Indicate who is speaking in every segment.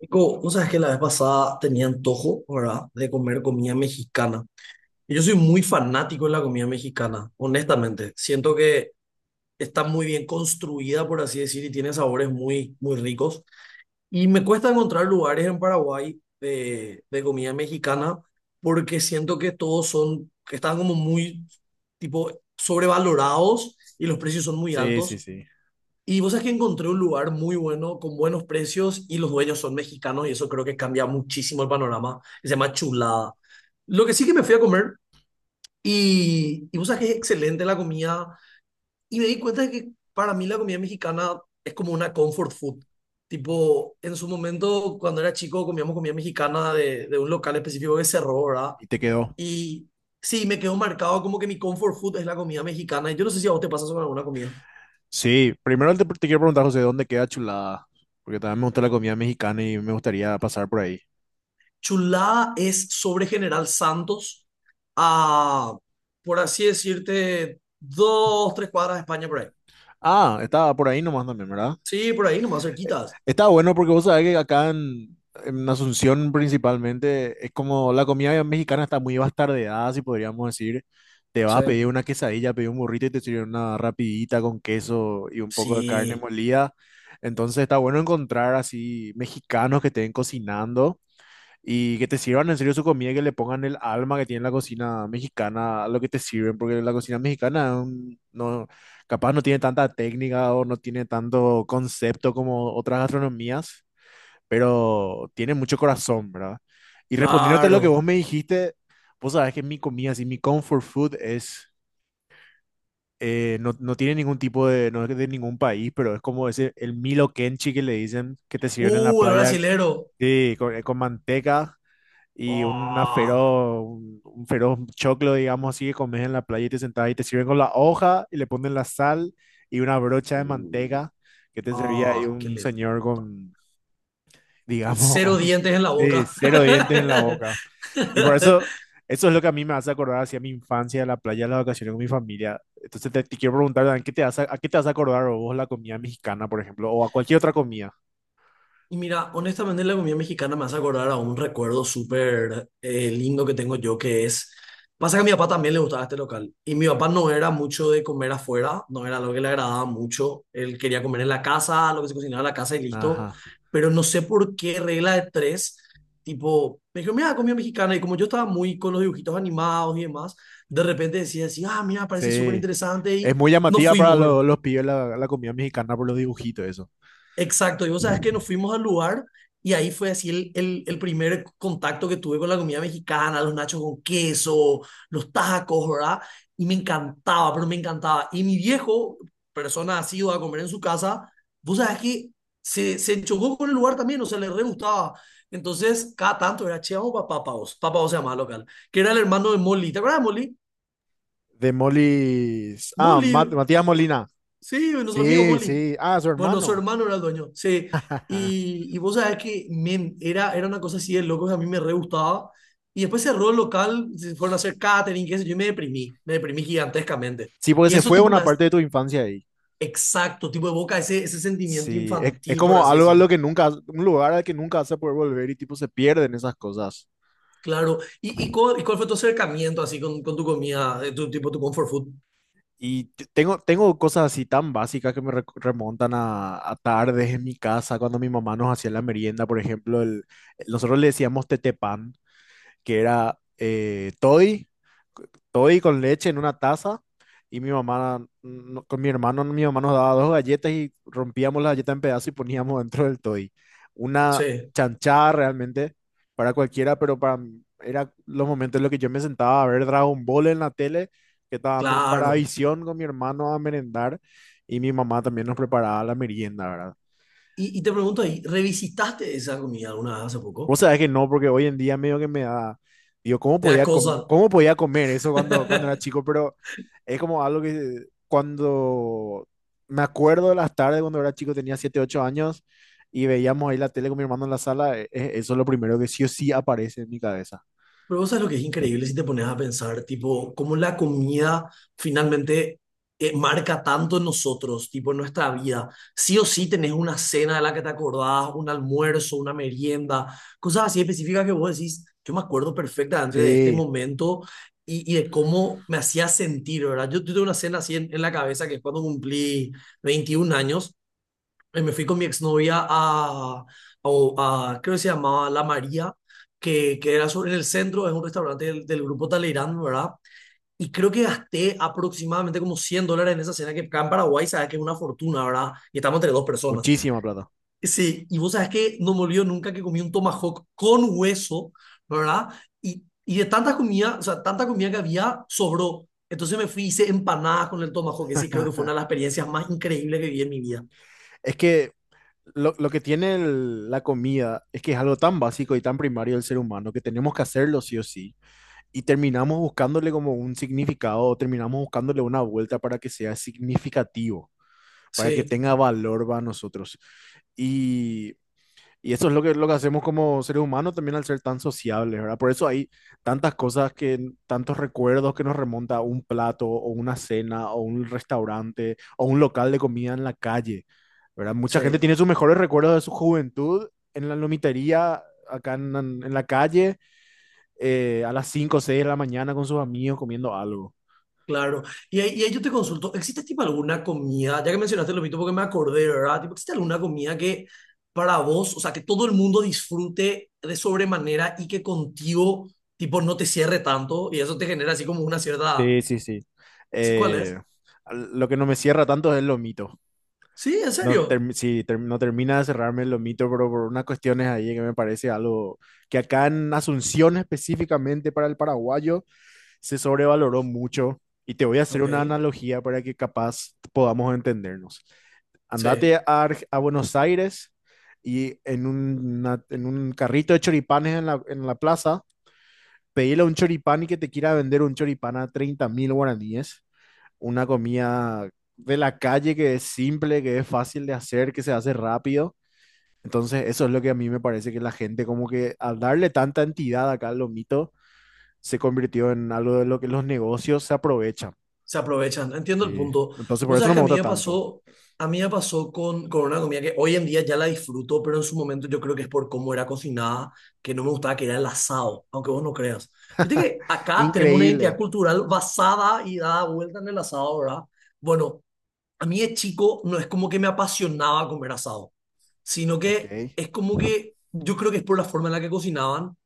Speaker 1: Nico, vos sabés que la vez pasada tenía antojo, ¿verdad?, de comer comida mexicana. Y yo soy muy fanático de la comida mexicana, honestamente. Siento que está muy bien construida, por así decir, y tiene sabores muy, muy ricos. Y me cuesta encontrar lugares en Paraguay de comida mexicana porque siento que todos son, que están como muy, tipo, sobrevalorados y los precios son muy
Speaker 2: Sí, sí,
Speaker 1: altos.
Speaker 2: sí.
Speaker 1: Y vos sabés que encontré un lugar muy bueno, con buenos precios, y los dueños son mexicanos, y eso creo que cambia muchísimo el panorama. Se llama Chulada. Lo que sí que me fui a comer, y vos sabés que es excelente la comida, y me di cuenta de que para mí la comida mexicana es como una comfort food. Tipo, en su momento, cuando era chico, comíamos comida mexicana de un local específico que cerró, ¿verdad?
Speaker 2: Y te quedó.
Speaker 1: Y sí, me quedó marcado como que mi comfort food es la comida mexicana, y yo no sé si a vos te pasa eso con alguna comida.
Speaker 2: Sí, primero te quiero preguntar, José, ¿dónde queda Chulada? Porque también me gusta la comida mexicana y me gustaría pasar por ahí.
Speaker 1: Chulá es sobre General Santos, a, por así decirte, dos, tres cuadras de España por ahí.
Speaker 2: Ah, estaba por ahí nomás también, ¿verdad?
Speaker 1: Sí, por ahí, nomás
Speaker 2: Eh,
Speaker 1: cerquitas.
Speaker 2: Está bueno porque vos sabés que acá en Asunción principalmente es como la comida mexicana está muy bastardeada, si podríamos decir. Te vas
Speaker 1: Sí.
Speaker 2: a pedir una quesadilla, pedir un burrito y te sirven una rapidita con queso y un poco de carne
Speaker 1: Sí,
Speaker 2: molida. Entonces está bueno encontrar así mexicanos que estén cocinando y que te sirvan en serio su comida, que le pongan el alma que tiene la cocina mexicana a lo que te sirven, porque la cocina mexicana no, capaz no tiene tanta técnica o no tiene tanto concepto como otras gastronomías, pero tiene mucho corazón, ¿verdad? Y respondiéndote a lo que
Speaker 1: claro.
Speaker 2: vos me dijiste, vos sabés que mi comida, así, mi comfort food es, no, no tiene ningún tipo de, no es de ningún país, pero es como ese, el Milo Kenchi que le dicen que te sirven en la
Speaker 1: El
Speaker 2: playa,
Speaker 1: brasilero.
Speaker 2: sí, con manteca y una
Speaker 1: Ah.
Speaker 2: feroz, un feroz choclo, digamos así, que comes en la playa y te sentás y te sirven con la hoja y le ponen la sal y una brocha de
Speaker 1: Uh.
Speaker 2: manteca que te servía ahí
Speaker 1: Ah, que
Speaker 2: un
Speaker 1: le...
Speaker 2: señor con, digamos,
Speaker 1: Cero dientes en la
Speaker 2: sí,
Speaker 1: boca.
Speaker 2: cero dientes en la boca. Y por eso, eso es lo que a mí me hace acordar hacia mi infancia, la playa, las vacaciones con mi familia. Entonces te quiero preguntar, Dan, ¿qué te hace, a qué te hace acordar vos la comida mexicana, por ejemplo, o a cualquier otra comida?
Speaker 1: Y mira, honestamente la comida mexicana me hace acordar a un recuerdo súper lindo que tengo yo, que es, pasa que a mi papá también le gustaba este local y mi papá no era mucho de comer afuera, no era lo que le agradaba mucho, él quería comer en la casa, lo que se cocinaba en la casa y listo,
Speaker 2: Ajá.
Speaker 1: pero no sé por qué regla de tres, tipo, me dijo, mira, comida mexicana y como yo estaba muy con los dibujitos animados y demás, de repente decía así, ah, mira, parece súper
Speaker 2: Sí.
Speaker 1: interesante
Speaker 2: Es
Speaker 1: y
Speaker 2: muy
Speaker 1: nos
Speaker 2: llamativa para
Speaker 1: fuimos, ¿verdad?
Speaker 2: los pibes la comida mexicana por los dibujitos, eso.
Speaker 1: Exacto, y vos sabes que nos fuimos al lugar y ahí fue así el primer contacto que tuve con la comida mexicana, los nachos con queso, los tacos, ¿verdad? Y me encantaba, pero me encantaba. Y mi viejo, persona asidua a comer en su casa, vos sabes que se chocó con el lugar también, o sea, le re gustaba. Entonces, cada tanto era, che, vamos para Papá Vos, Papá Oz se llamaba el local, que era el hermano de Molly. ¿Te acuerdas de Molly?
Speaker 2: De Molis. Ah,
Speaker 1: Molly.
Speaker 2: Matías Molina.
Speaker 1: Sí, nuestro amigo
Speaker 2: Sí,
Speaker 1: Molly.
Speaker 2: sí. Ah, su
Speaker 1: Bueno, su
Speaker 2: hermano.
Speaker 1: hermano era el dueño. Sí. Y vos sabés que era una cosa así de loco que a mí me re gustaba. Y después cerró el local, se fueron a hacer catering, qué sé yo, y me deprimí. Me deprimí gigantescamente.
Speaker 2: Sí, porque
Speaker 1: Y
Speaker 2: se
Speaker 1: eso,
Speaker 2: fue
Speaker 1: tipo,
Speaker 2: una parte de tu infancia ahí.
Speaker 1: exacto, tipo, evoca ese, sentimiento
Speaker 2: Sí, es
Speaker 1: infantil, por
Speaker 2: como
Speaker 1: así
Speaker 2: algo a
Speaker 1: decir.
Speaker 2: lo que nunca, un lugar al que nunca vas a poder volver y tipo se pierden esas cosas.
Speaker 1: Claro. ¿Y cuál fue tu acercamiento así con, tu comida, tu comfort food?
Speaker 2: Y tengo cosas así tan básicas que me remontan a tardes en mi casa, cuando mi mamá nos hacía la merienda, por ejemplo, nosotros le decíamos tetepán, que era toddy con leche en una taza. Y mi mamá, con mi hermano, mi mamá nos daba dos galletas y rompíamos la galleta en pedazos y poníamos dentro del toddy. Una
Speaker 1: Sí,
Speaker 2: chanchada realmente para cualquiera, pero para mí era los momentos en los que yo me sentaba a ver Dragon Ball en la tele, que estaba dando en
Speaker 1: claro.
Speaker 2: Paravisión con mi hermano a merendar. Y mi mamá también nos preparaba la merienda, ¿verdad?
Speaker 1: Y te pregunto ahí, ¿revisitaste esa comida alguna vez hace
Speaker 2: Vos
Speaker 1: poco?
Speaker 2: sabés que no, porque hoy en día medio que me da, digo, ¿cómo
Speaker 1: ¿Te da
Speaker 2: podía, com-
Speaker 1: cosa?
Speaker 2: cómo podía comer eso cuando, cuando era chico? Pero es como algo que cuando me acuerdo de las tardes cuando era chico, tenía 7 8 años y veíamos ahí la tele con mi hermano en la sala, eso es lo primero que sí o sí aparece en mi cabeza.
Speaker 1: Pero vos sabés lo que es increíble si te pones a pensar, tipo, cómo la comida finalmente marca tanto en nosotros, tipo, en nuestra vida. Sí o sí tenés una cena de la que te acordás, un almuerzo, una merienda, cosas así específicas que vos decís, yo me acuerdo perfectamente de este
Speaker 2: Sí,
Speaker 1: momento y de cómo me hacía sentir, ¿verdad? Yo tuve una cena así en la cabeza que es cuando cumplí 21 años. Me fui con mi exnovia creo que se llamaba La María, que era sobre en el centro, es un restaurante del grupo Talleyrand, ¿verdad? Y creo que gasté aproximadamente como $100 en esa cena, que acá en Paraguay sabes que es una fortuna, ¿verdad? Y estamos entre dos personas.
Speaker 2: muchísima plata.
Speaker 1: Sí, y vos sabes que no me olvido nunca que comí un tomahawk con hueso, ¿verdad? Y de tanta comida, o sea, tanta comida que había, sobró. Entonces me fui, hice empanadas con el tomahawk, que sí, creo que fue una de las experiencias más increíbles que viví en mi vida.
Speaker 2: Es que lo que tiene la comida es que es algo tan básico y tan primario del ser humano que tenemos que hacerlo sí o sí y terminamos buscándole como un significado o terminamos buscándole una vuelta para que sea significativo, para que
Speaker 1: Sí,
Speaker 2: tenga valor para nosotros. Y y eso es lo que hacemos como seres humanos también al ser tan sociables, ¿verdad? Por eso hay tantas cosas que, tantos recuerdos que nos remonta a un plato o una cena o un restaurante o un local de comida en la calle, ¿verdad? Mucha gente
Speaker 1: sí.
Speaker 2: tiene sus mejores recuerdos de su juventud en la lomitería, acá en la calle, a las 5 o 6 de la mañana con sus amigos comiendo algo.
Speaker 1: Claro. Y ahí yo te consulto, ¿existe tipo alguna comida, ya que mencionaste lo mismo porque me acordé, ¿verdad? Tipo, ¿existe alguna comida que para vos, o sea, que todo el mundo disfrute de sobremanera y que contigo, tipo, no te cierre tanto y eso te genera así como una cierta...?
Speaker 2: Sí, sí, sí.
Speaker 1: ¿Sí, cuál es?
Speaker 2: Eh, lo que no me cierra tanto es el lomito.
Speaker 1: Sí, en
Speaker 2: No
Speaker 1: serio.
Speaker 2: term- si ter- no termina de cerrarme el lomito, pero por unas cuestiones ahí que me parece algo que acá en Asunción específicamente para el paraguayo se sobrevaloró mucho. Y te voy a hacer
Speaker 1: Ok,
Speaker 2: una analogía para que capaz podamos entendernos.
Speaker 1: sí.
Speaker 2: Andate a, a Buenos Aires y en, un, en un carrito de choripanes en la plaza, pedile a un choripán y que te quiera vender un choripán a 30.000 guaraníes, una comida de la calle que es simple, que es fácil de hacer, que se hace rápido. Entonces, eso es lo que a mí me parece que la gente, como que al darle tanta entidad acá al lomito, se convirtió en algo de lo que los negocios se aprovechan.
Speaker 1: Se aprovechan. Entiendo el
Speaker 2: Sí.
Speaker 1: punto.
Speaker 2: Entonces, por
Speaker 1: Vos
Speaker 2: eso no
Speaker 1: sabés
Speaker 2: me
Speaker 1: que a mí
Speaker 2: gusta
Speaker 1: me
Speaker 2: tanto.
Speaker 1: pasó, a mí me pasó con, una comida que hoy en día ya la disfruto, pero en su momento yo creo que es por cómo era cocinada, que no me gustaba, que era el asado, aunque vos no creas. Viste que acá tenemos una
Speaker 2: Increíble.
Speaker 1: identidad cultural basada y dada vuelta en el asado, ¿verdad? Bueno, a mí de chico no es como que me apasionaba comer asado, sino
Speaker 2: Ok,
Speaker 1: que es como que yo creo que es por la forma en la que cocinaban,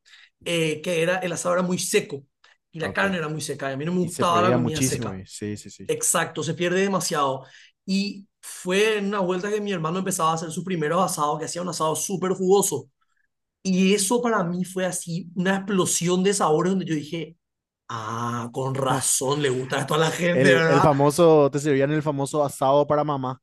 Speaker 1: que era, el asado era muy seco y la
Speaker 2: ok.
Speaker 1: carne era muy seca y a mí no me
Speaker 2: Y se
Speaker 1: gustaba la
Speaker 2: perdía
Speaker 1: comida
Speaker 2: muchísimo.
Speaker 1: seca.
Speaker 2: Sí, sí, sí.
Speaker 1: Exacto, se pierde demasiado. Y fue en una vuelta que mi hermano empezaba a hacer sus primeros asados, que hacía un asado súper jugoso. Y eso para mí fue así una explosión de sabores donde yo dije, ah, con razón le gusta esto a la gente,
Speaker 2: El
Speaker 1: ¿verdad?
Speaker 2: famoso, te servían el famoso asado para mamá.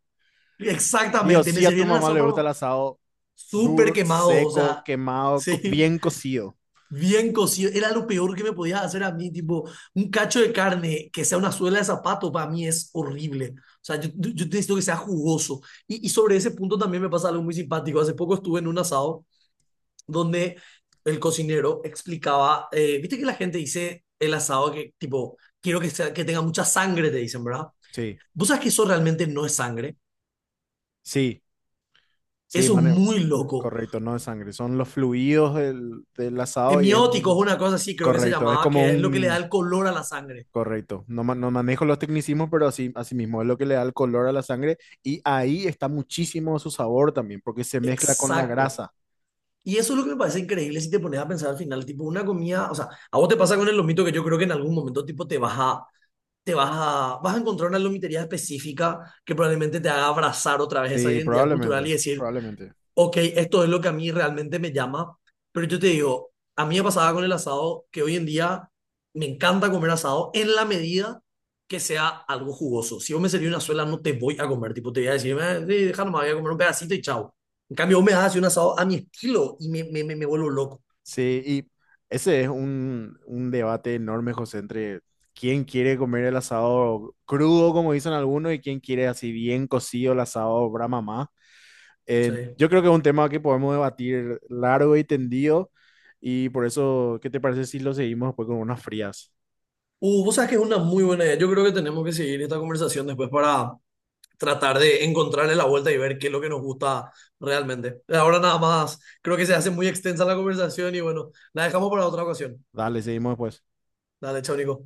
Speaker 2: Dios,
Speaker 1: Exactamente, me
Speaker 2: sí, a tu
Speaker 1: servían el
Speaker 2: mamá
Speaker 1: asado
Speaker 2: le gusta el
Speaker 1: pero
Speaker 2: asado
Speaker 1: súper
Speaker 2: duro,
Speaker 1: quemado, o
Speaker 2: seco,
Speaker 1: sea,
Speaker 2: quemado,
Speaker 1: sí.
Speaker 2: bien cocido.
Speaker 1: Bien cocido, era lo peor que me podías hacer a mí, tipo, un cacho de carne que sea una suela de zapato, para mí es horrible. O sea, yo necesito que sea jugoso. Y sobre ese punto también me pasa algo muy simpático. Hace poco estuve en un asado donde el cocinero explicaba, viste que la gente dice el asado que, tipo, quiero que, que tenga mucha sangre, te dicen, ¿verdad?
Speaker 2: Sí.
Speaker 1: Vos sabes que eso realmente no es sangre,
Speaker 2: Sí, sí,
Speaker 1: eso es
Speaker 2: mane-
Speaker 1: muy loco.
Speaker 2: correcto, no de sangre, son los fluidos del, del asado y es
Speaker 1: Hemiótico es
Speaker 2: un,
Speaker 1: una cosa así, creo que se
Speaker 2: correcto, es
Speaker 1: llamaba,
Speaker 2: como
Speaker 1: que es lo que le da
Speaker 2: un,
Speaker 1: el color a la sangre.
Speaker 2: correcto, no, no manejo los tecnicismos, pero así, así mismo es lo que le da el color a la sangre y ahí está muchísimo su sabor también, porque se mezcla con la
Speaker 1: Exacto.
Speaker 2: grasa.
Speaker 1: Y eso es lo que me parece increíble si te pones a pensar al final, tipo una comida, o sea, a vos te pasa con el lomito que yo creo que en algún momento tipo vas a encontrar una lomitería específica que probablemente te haga abrazar otra vez esa
Speaker 2: Sí,
Speaker 1: identidad cultural
Speaker 2: probablemente,
Speaker 1: y decir,
Speaker 2: probablemente.
Speaker 1: ok, esto es lo que a mí realmente me llama, pero yo te digo, a mí me pasaba con el asado que hoy en día me encanta comer asado en la medida que sea algo jugoso. Si vos me servís una suela, no te voy a comer, tipo, te voy a decir, sí, deja nomás, voy a comer un pedacito y chao." En cambio, vos me das así un asado a mi estilo y me vuelvo loco.
Speaker 2: Sí, y ese es un debate enorme, José, entre quién quiere comer el asado crudo, como dicen algunos, y quién quiere así bien cocido el asado Brahma más.
Speaker 1: Sí.
Speaker 2: Yo creo que es un tema que podemos debatir largo y tendido, y por eso, ¿qué te parece si lo seguimos después con unas frías?
Speaker 1: Vos sabes que es una muy buena idea. Yo creo que tenemos que seguir esta conversación después para tratar de encontrarle la vuelta y ver qué es lo que nos gusta realmente. Ahora nada más, creo que se hace muy extensa la conversación y bueno, la dejamos para otra ocasión.
Speaker 2: Dale, seguimos después.
Speaker 1: Dale, chao, Nico.